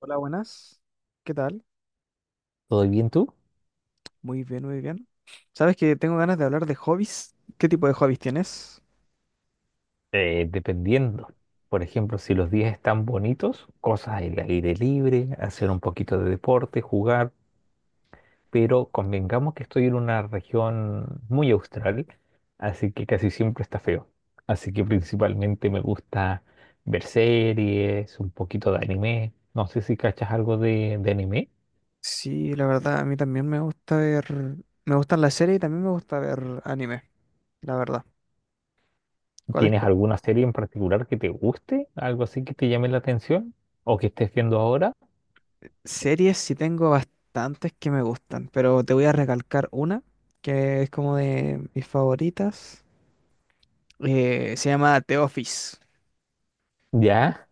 Hola, buenas. ¿Qué tal? ¿Todo bien tú? Muy bien, muy bien. Sabes que tengo ganas de hablar de hobbies. ¿Qué tipo de hobbies tienes? Dependiendo. Por ejemplo, si los días están bonitos, cosas al aire libre, hacer un poquito de deporte, jugar, pero convengamos que estoy en una región muy austral, así que casi siempre está feo. Así que principalmente me gusta ver series, un poquito de anime. No sé si cachas algo de anime. Sí, la verdad, a mí también me gusta ver, me gustan las series y también me gusta ver anime, la verdad. ¿Cuáles ¿Tienes co- alguna serie en particular que te guste? ¿Algo así que te llame la atención? ¿O que estés viendo ahora? ¿Series? Sí, tengo bastantes que me gustan, pero te voy a recalcar una que es como de mis favoritas. Se llama The Office. Ya,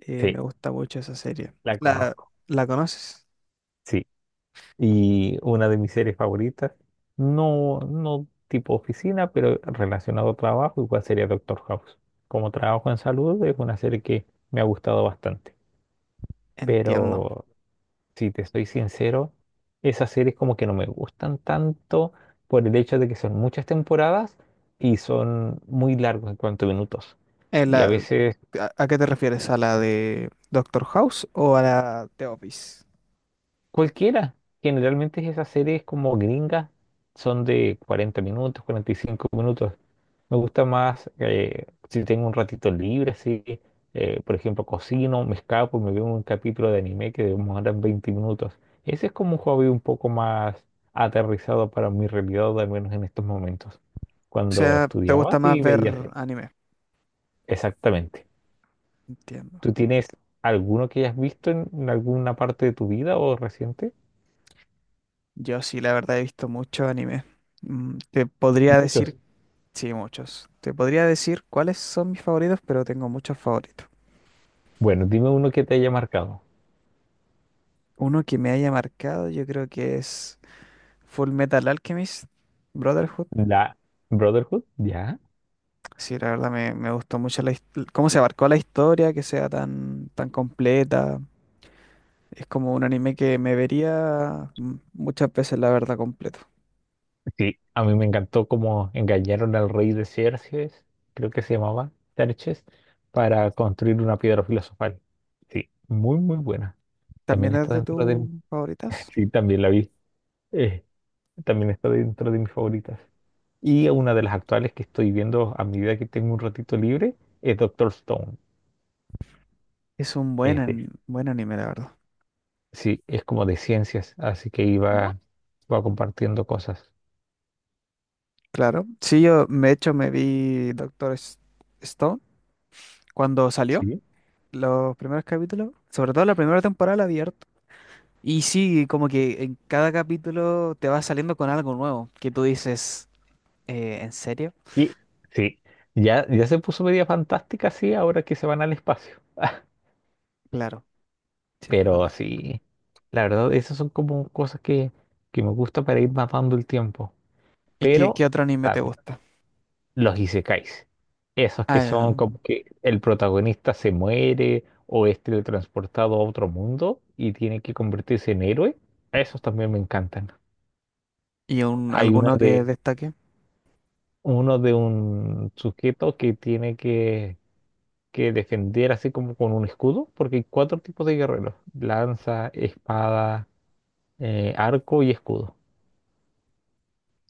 Sí, Me gusta mucho esa serie. la ¿La, conozco. la conoces? Sí, y una de mis series favoritas, no tipo oficina, pero relacionado a trabajo, igual sería Doctor House. Como trabajo en salud, es una serie que me ha gustado bastante. Entiendo. Pero si te estoy sincero, esas series como que no me gustan tanto por el hecho de que son muchas temporadas y son muy largos en cuanto a minutos. En Y a la, veces ¿a qué te refieres? ¿A la de Doctor House o a la de Office? cualquiera. Generalmente esas series como gringas son de 40 minutos, 45 minutos. Me gusta más si tengo un ratito libre, así, por ejemplo, cocino, me escapo y me veo un capítulo de anime que demora 20 minutos. Ese es como un hobby un poco más aterrizado para mi realidad, al menos en estos momentos. O Cuando sea, ¿te estudiaba, gusta más sí veía ver series. anime? Exactamente. Entiendo. ¿Tú tienes alguno que hayas visto en alguna parte de tu vida o reciente? Yo sí, la verdad he visto mucho anime. Te podría Muchos. decir, sí, muchos. Te podría decir cuáles son mis favoritos, pero tengo muchos favoritos. Bueno, dime uno que te haya marcado. Uno que me haya marcado, yo creo que es Full Metal Alchemist Brotherhood. La Brotherhood, ya. Sí, la verdad me gustó mucho cómo se abarcó la historia, que sea tan, tan completa. Es como un anime que me vería muchas veces, la verdad, completo. Sí, a mí me encantó cómo engañaron al rey de Xerxes, creo que se llamaba Xerxes, para construir una piedra filosofal. Sí, muy, muy buena. También ¿También es está de dentro tus de... favoritas? Sí, también la vi. Eh, también está dentro de mis favoritas. Y una de las actuales que estoy viendo a medida que tengo un ratito libre es Doctor Stone. Es un Este, buen anime, la verdad. sí, es como de ciencias, así que iba, iba compartiendo cosas. Claro. Sí, yo, de hecho, me vi Stone cuando salió, Sí. los primeros capítulos, sobre todo la primera temporada la vi harto. Y sí, como que en cada capítulo te va saliendo con algo nuevo, que tú dices, ¿en serio? Y sí, ya, ya se puso media fantástica, sí, ahora que se van al espacio. Claro, sí, es Pero verdad. sí, la verdad, esas son como cosas que me gusta para ir matando el tiempo. ¿Y qué, Pero, qué otro anime te claro, gusta? los isekais, esos que Ah, son como que el protagonista se muere o es teletransportado a otro mundo y tiene que convertirse en héroe, esos también me encantan. ¿y Hay una alguno que de, destaque? uno de un sujeto que tiene que defender así como con un escudo, porque hay cuatro tipos de guerreros, lanza, espada, arco y escudo.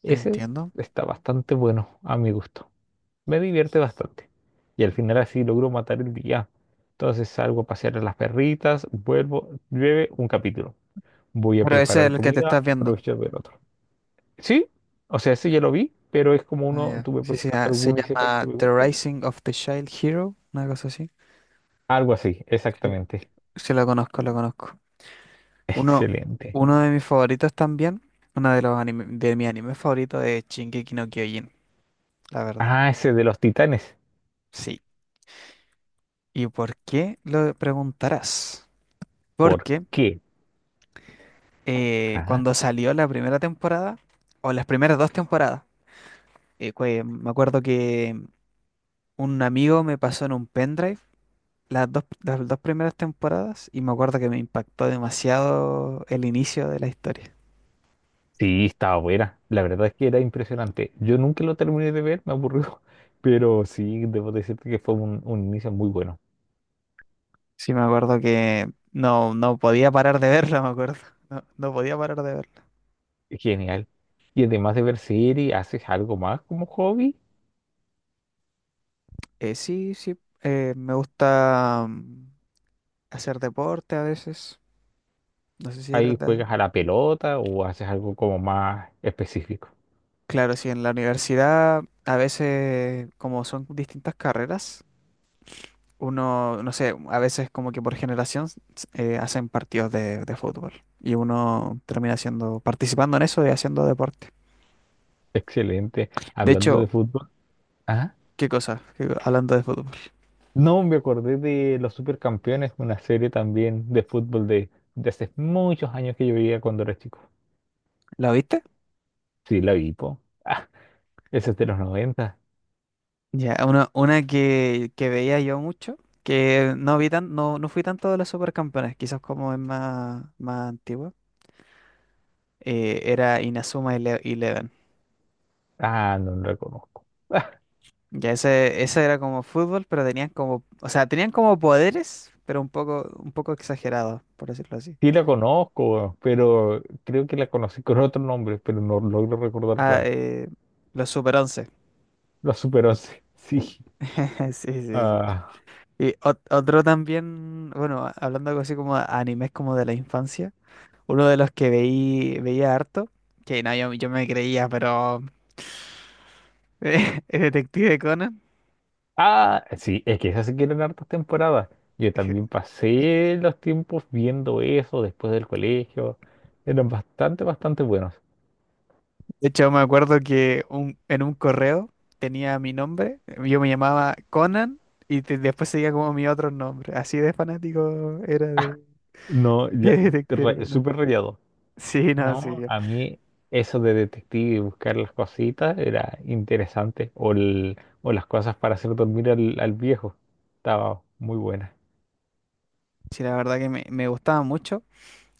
Ese Entiendo. está bastante bueno a mi gusto. Me divierte bastante. Y al final así logro matar el día. Entonces salgo a pasear a las perritas, vuelvo, llueve un capítulo. Voy a Pero ese es preparar el que te comida, estás viendo. aprovecho de ver otro. Sí, o sea, ese ya lo vi, pero es como Ah, uno, ya. tú me Sí, sí, preguntaste ah, se alguno y dice que llama me The guste. Rising of the Child Hero, una cosa así. Algo así, Sí, exactamente. sí, lo conozco, lo conozco. Uno, Excelente. uno de mis favoritos también, uno de los anime, de mi anime favorito es Shingeki no Kyojin, la verdad. Ah, ese de los titanes. Sí. ¿Y por qué lo preguntarás? ¿Por Porque qué? Ajá. cuando salió la primera temporada, o las primeras dos temporadas, me acuerdo que un amigo me pasó en un pendrive las dos primeras temporadas y me acuerdo que me impactó demasiado el inicio de la historia. Sí, estaba buena. La verdad es que era impresionante. Yo nunca lo terminé de ver, me aburrió. Pero sí, debo decirte que fue un inicio muy bueno. Sí, me acuerdo que no podía parar de verla, me acuerdo. No podía parar de verla. Genial. Y además de ver series, ¿haces algo más como hobby? Sí, sí, me gusta hacer deporte a veces. No sé si eres ¿Ahí de- juegas a la pelota o haces algo como más específico? Claro, sí, en la universidad a veces como son distintas carreras, uno, no sé, a veces como que por generación hacen partidos de fútbol y uno termina haciendo, participando en eso y haciendo deporte. Excelente. De Hablando de hecho, fútbol. Ajá. ¿qué cosa? Hablando de fútbol? No, me acordé de Los Supercampeones, una serie también de fútbol de hace muchos años que yo veía cuando era chico. ¿La viste? Sí, la vi, po. Ah, esa es de los 90. Ya, una que veía yo mucho, que no vi tan, no, no fui tanto de los supercampeones, quizás como es más, más antigua, era Inazuma Eleven. Ah, no la conozco. Ya ese era como fútbol, pero tenían como, o sea, tenían como poderes, pero un poco exagerados, por decirlo así. Sí la conozco, pero creo que la conocí con otro nombre, pero no logro recordar Ah, cuál. eh, los Super once. La Super 11, sí. Sí, sí, sí. Ah, Y otro también, bueno, hablando algo así como animes como de la infancia, uno de los que veía harto, que no, yo me creía, pero el detective Conan. ah, sí, es que esas se quieren hartas temporadas. Yo también pasé los tiempos viendo eso después del colegio. Eran bastante, bastante buenos. De hecho, me acuerdo que en un correo tenía mi nombre, yo me llamaba Conan y después seguía como mi otro nombre. Así de fanático era de, No, ya, de detective re- Conan. súper rayado. Sí, no, sí. No, a mí eso de detective y buscar las cositas era interesante. O, el- o las cosas para hacer dormir al, al viejo. Estaba muy buena. Sí, la verdad que me gustaba mucho.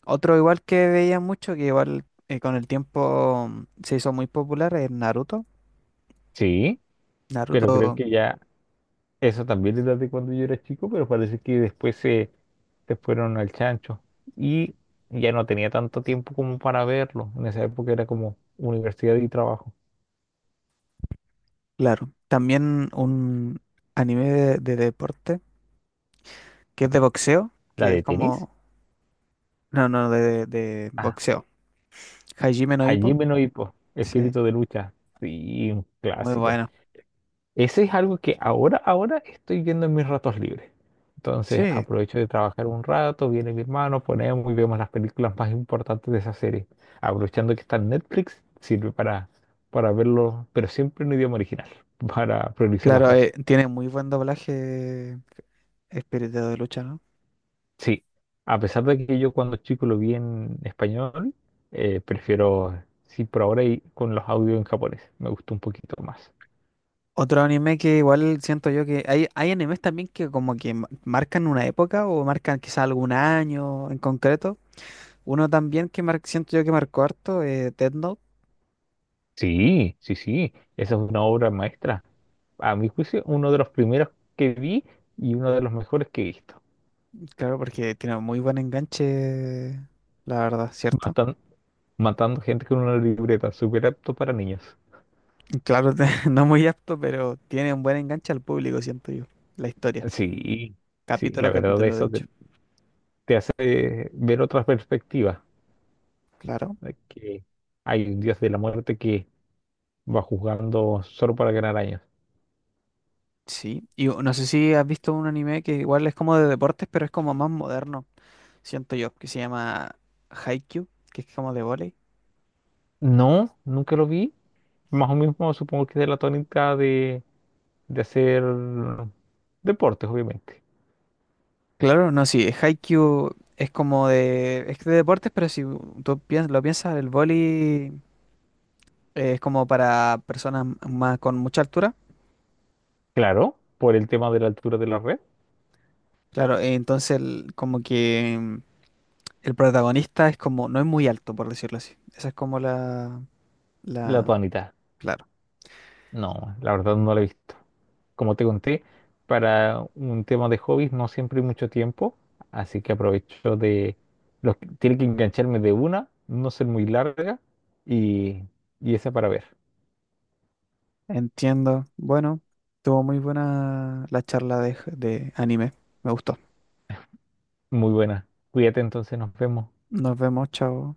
Otro igual que veía mucho, que igual con el tiempo se hizo muy popular, es Naruto. Sí, pero creo Naruto, que ya eso también era de cuando yo era chico, pero parece que después se fueron al chancho. Y ya no tenía tanto tiempo como para verlo. En esa época era como universidad y trabajo. claro. También un anime de deporte, que es de boxeo, ¿La que es de tenis? como... No, no, de Ah, boxeo. Hajime no Ippo. Hajime no Ippo, Sí, Espíritu de lucha. Sí, un muy clásico. bueno. Ese es algo que ahora estoy viendo en mis ratos libres. Entonces Sí, aprovecho de trabajar un rato, viene mi hermano, ponemos y vemos las películas más importantes de esa serie. Aprovechando que está en Netflix, sirve para verlo, pero siempre en idioma original, para priorizar las claro, voces. Tiene muy buen doblaje eh, espíritu de lucha, ¿no? Sí, a pesar de que yo cuando chico lo vi en español, prefiero, sí, por ahora y con los audios en japonés, me gustó un poquito más. Otro anime que igual siento yo que hay animes también que como que marcan una época o marcan quizá algún año en concreto. Uno también que siento yo que marcó harto, Death Note, Sí, sí, sí, esa es una obra maestra. A mi juicio, uno de los primeros que vi y uno de los mejores que he visto. claro, porque tiene muy buen enganche, la verdad, ¿cierto? Matan- matando gente con una libreta, súper apto para niños. Y claro, no muy apto, pero tiene un buen enganche al público, siento yo, la historia, Sí, sí, capítulo a la verdad capítulo, de eso hecho. te hace ver otra perspectiva, Claro, de que hay un dios de la muerte que va juzgando solo para ganar años. sí. Y no sé si has visto un anime que igual es como de deportes, pero es como más moderno. Siento yo, que se llama Haikyuu, que es como de vóley. No, nunca lo vi. Más o menos supongo que es de la tónica de hacer deportes, obviamente. Claro, no, sí, Haikyuu es como de, es de deportes, pero si tú lo piensas, el vóley es como para personas más con mucha altura. Claro, por el tema de la altura de la red, Claro, entonces como que el protagonista es como, no es muy alto, por decirlo así. Esa es como la la, tónica. claro. No, la verdad no la he visto. Como te conté, para un tema de hobbies no siempre hay mucho tiempo, así que aprovecho de... Los, tiene que engancharme de una, no ser muy larga y, y esa para ver. Entiendo. Bueno, tuvo muy buena la charla de anime. Me gustó. Muy buena. Cuídate entonces, nos vemos. Nos vemos, chao.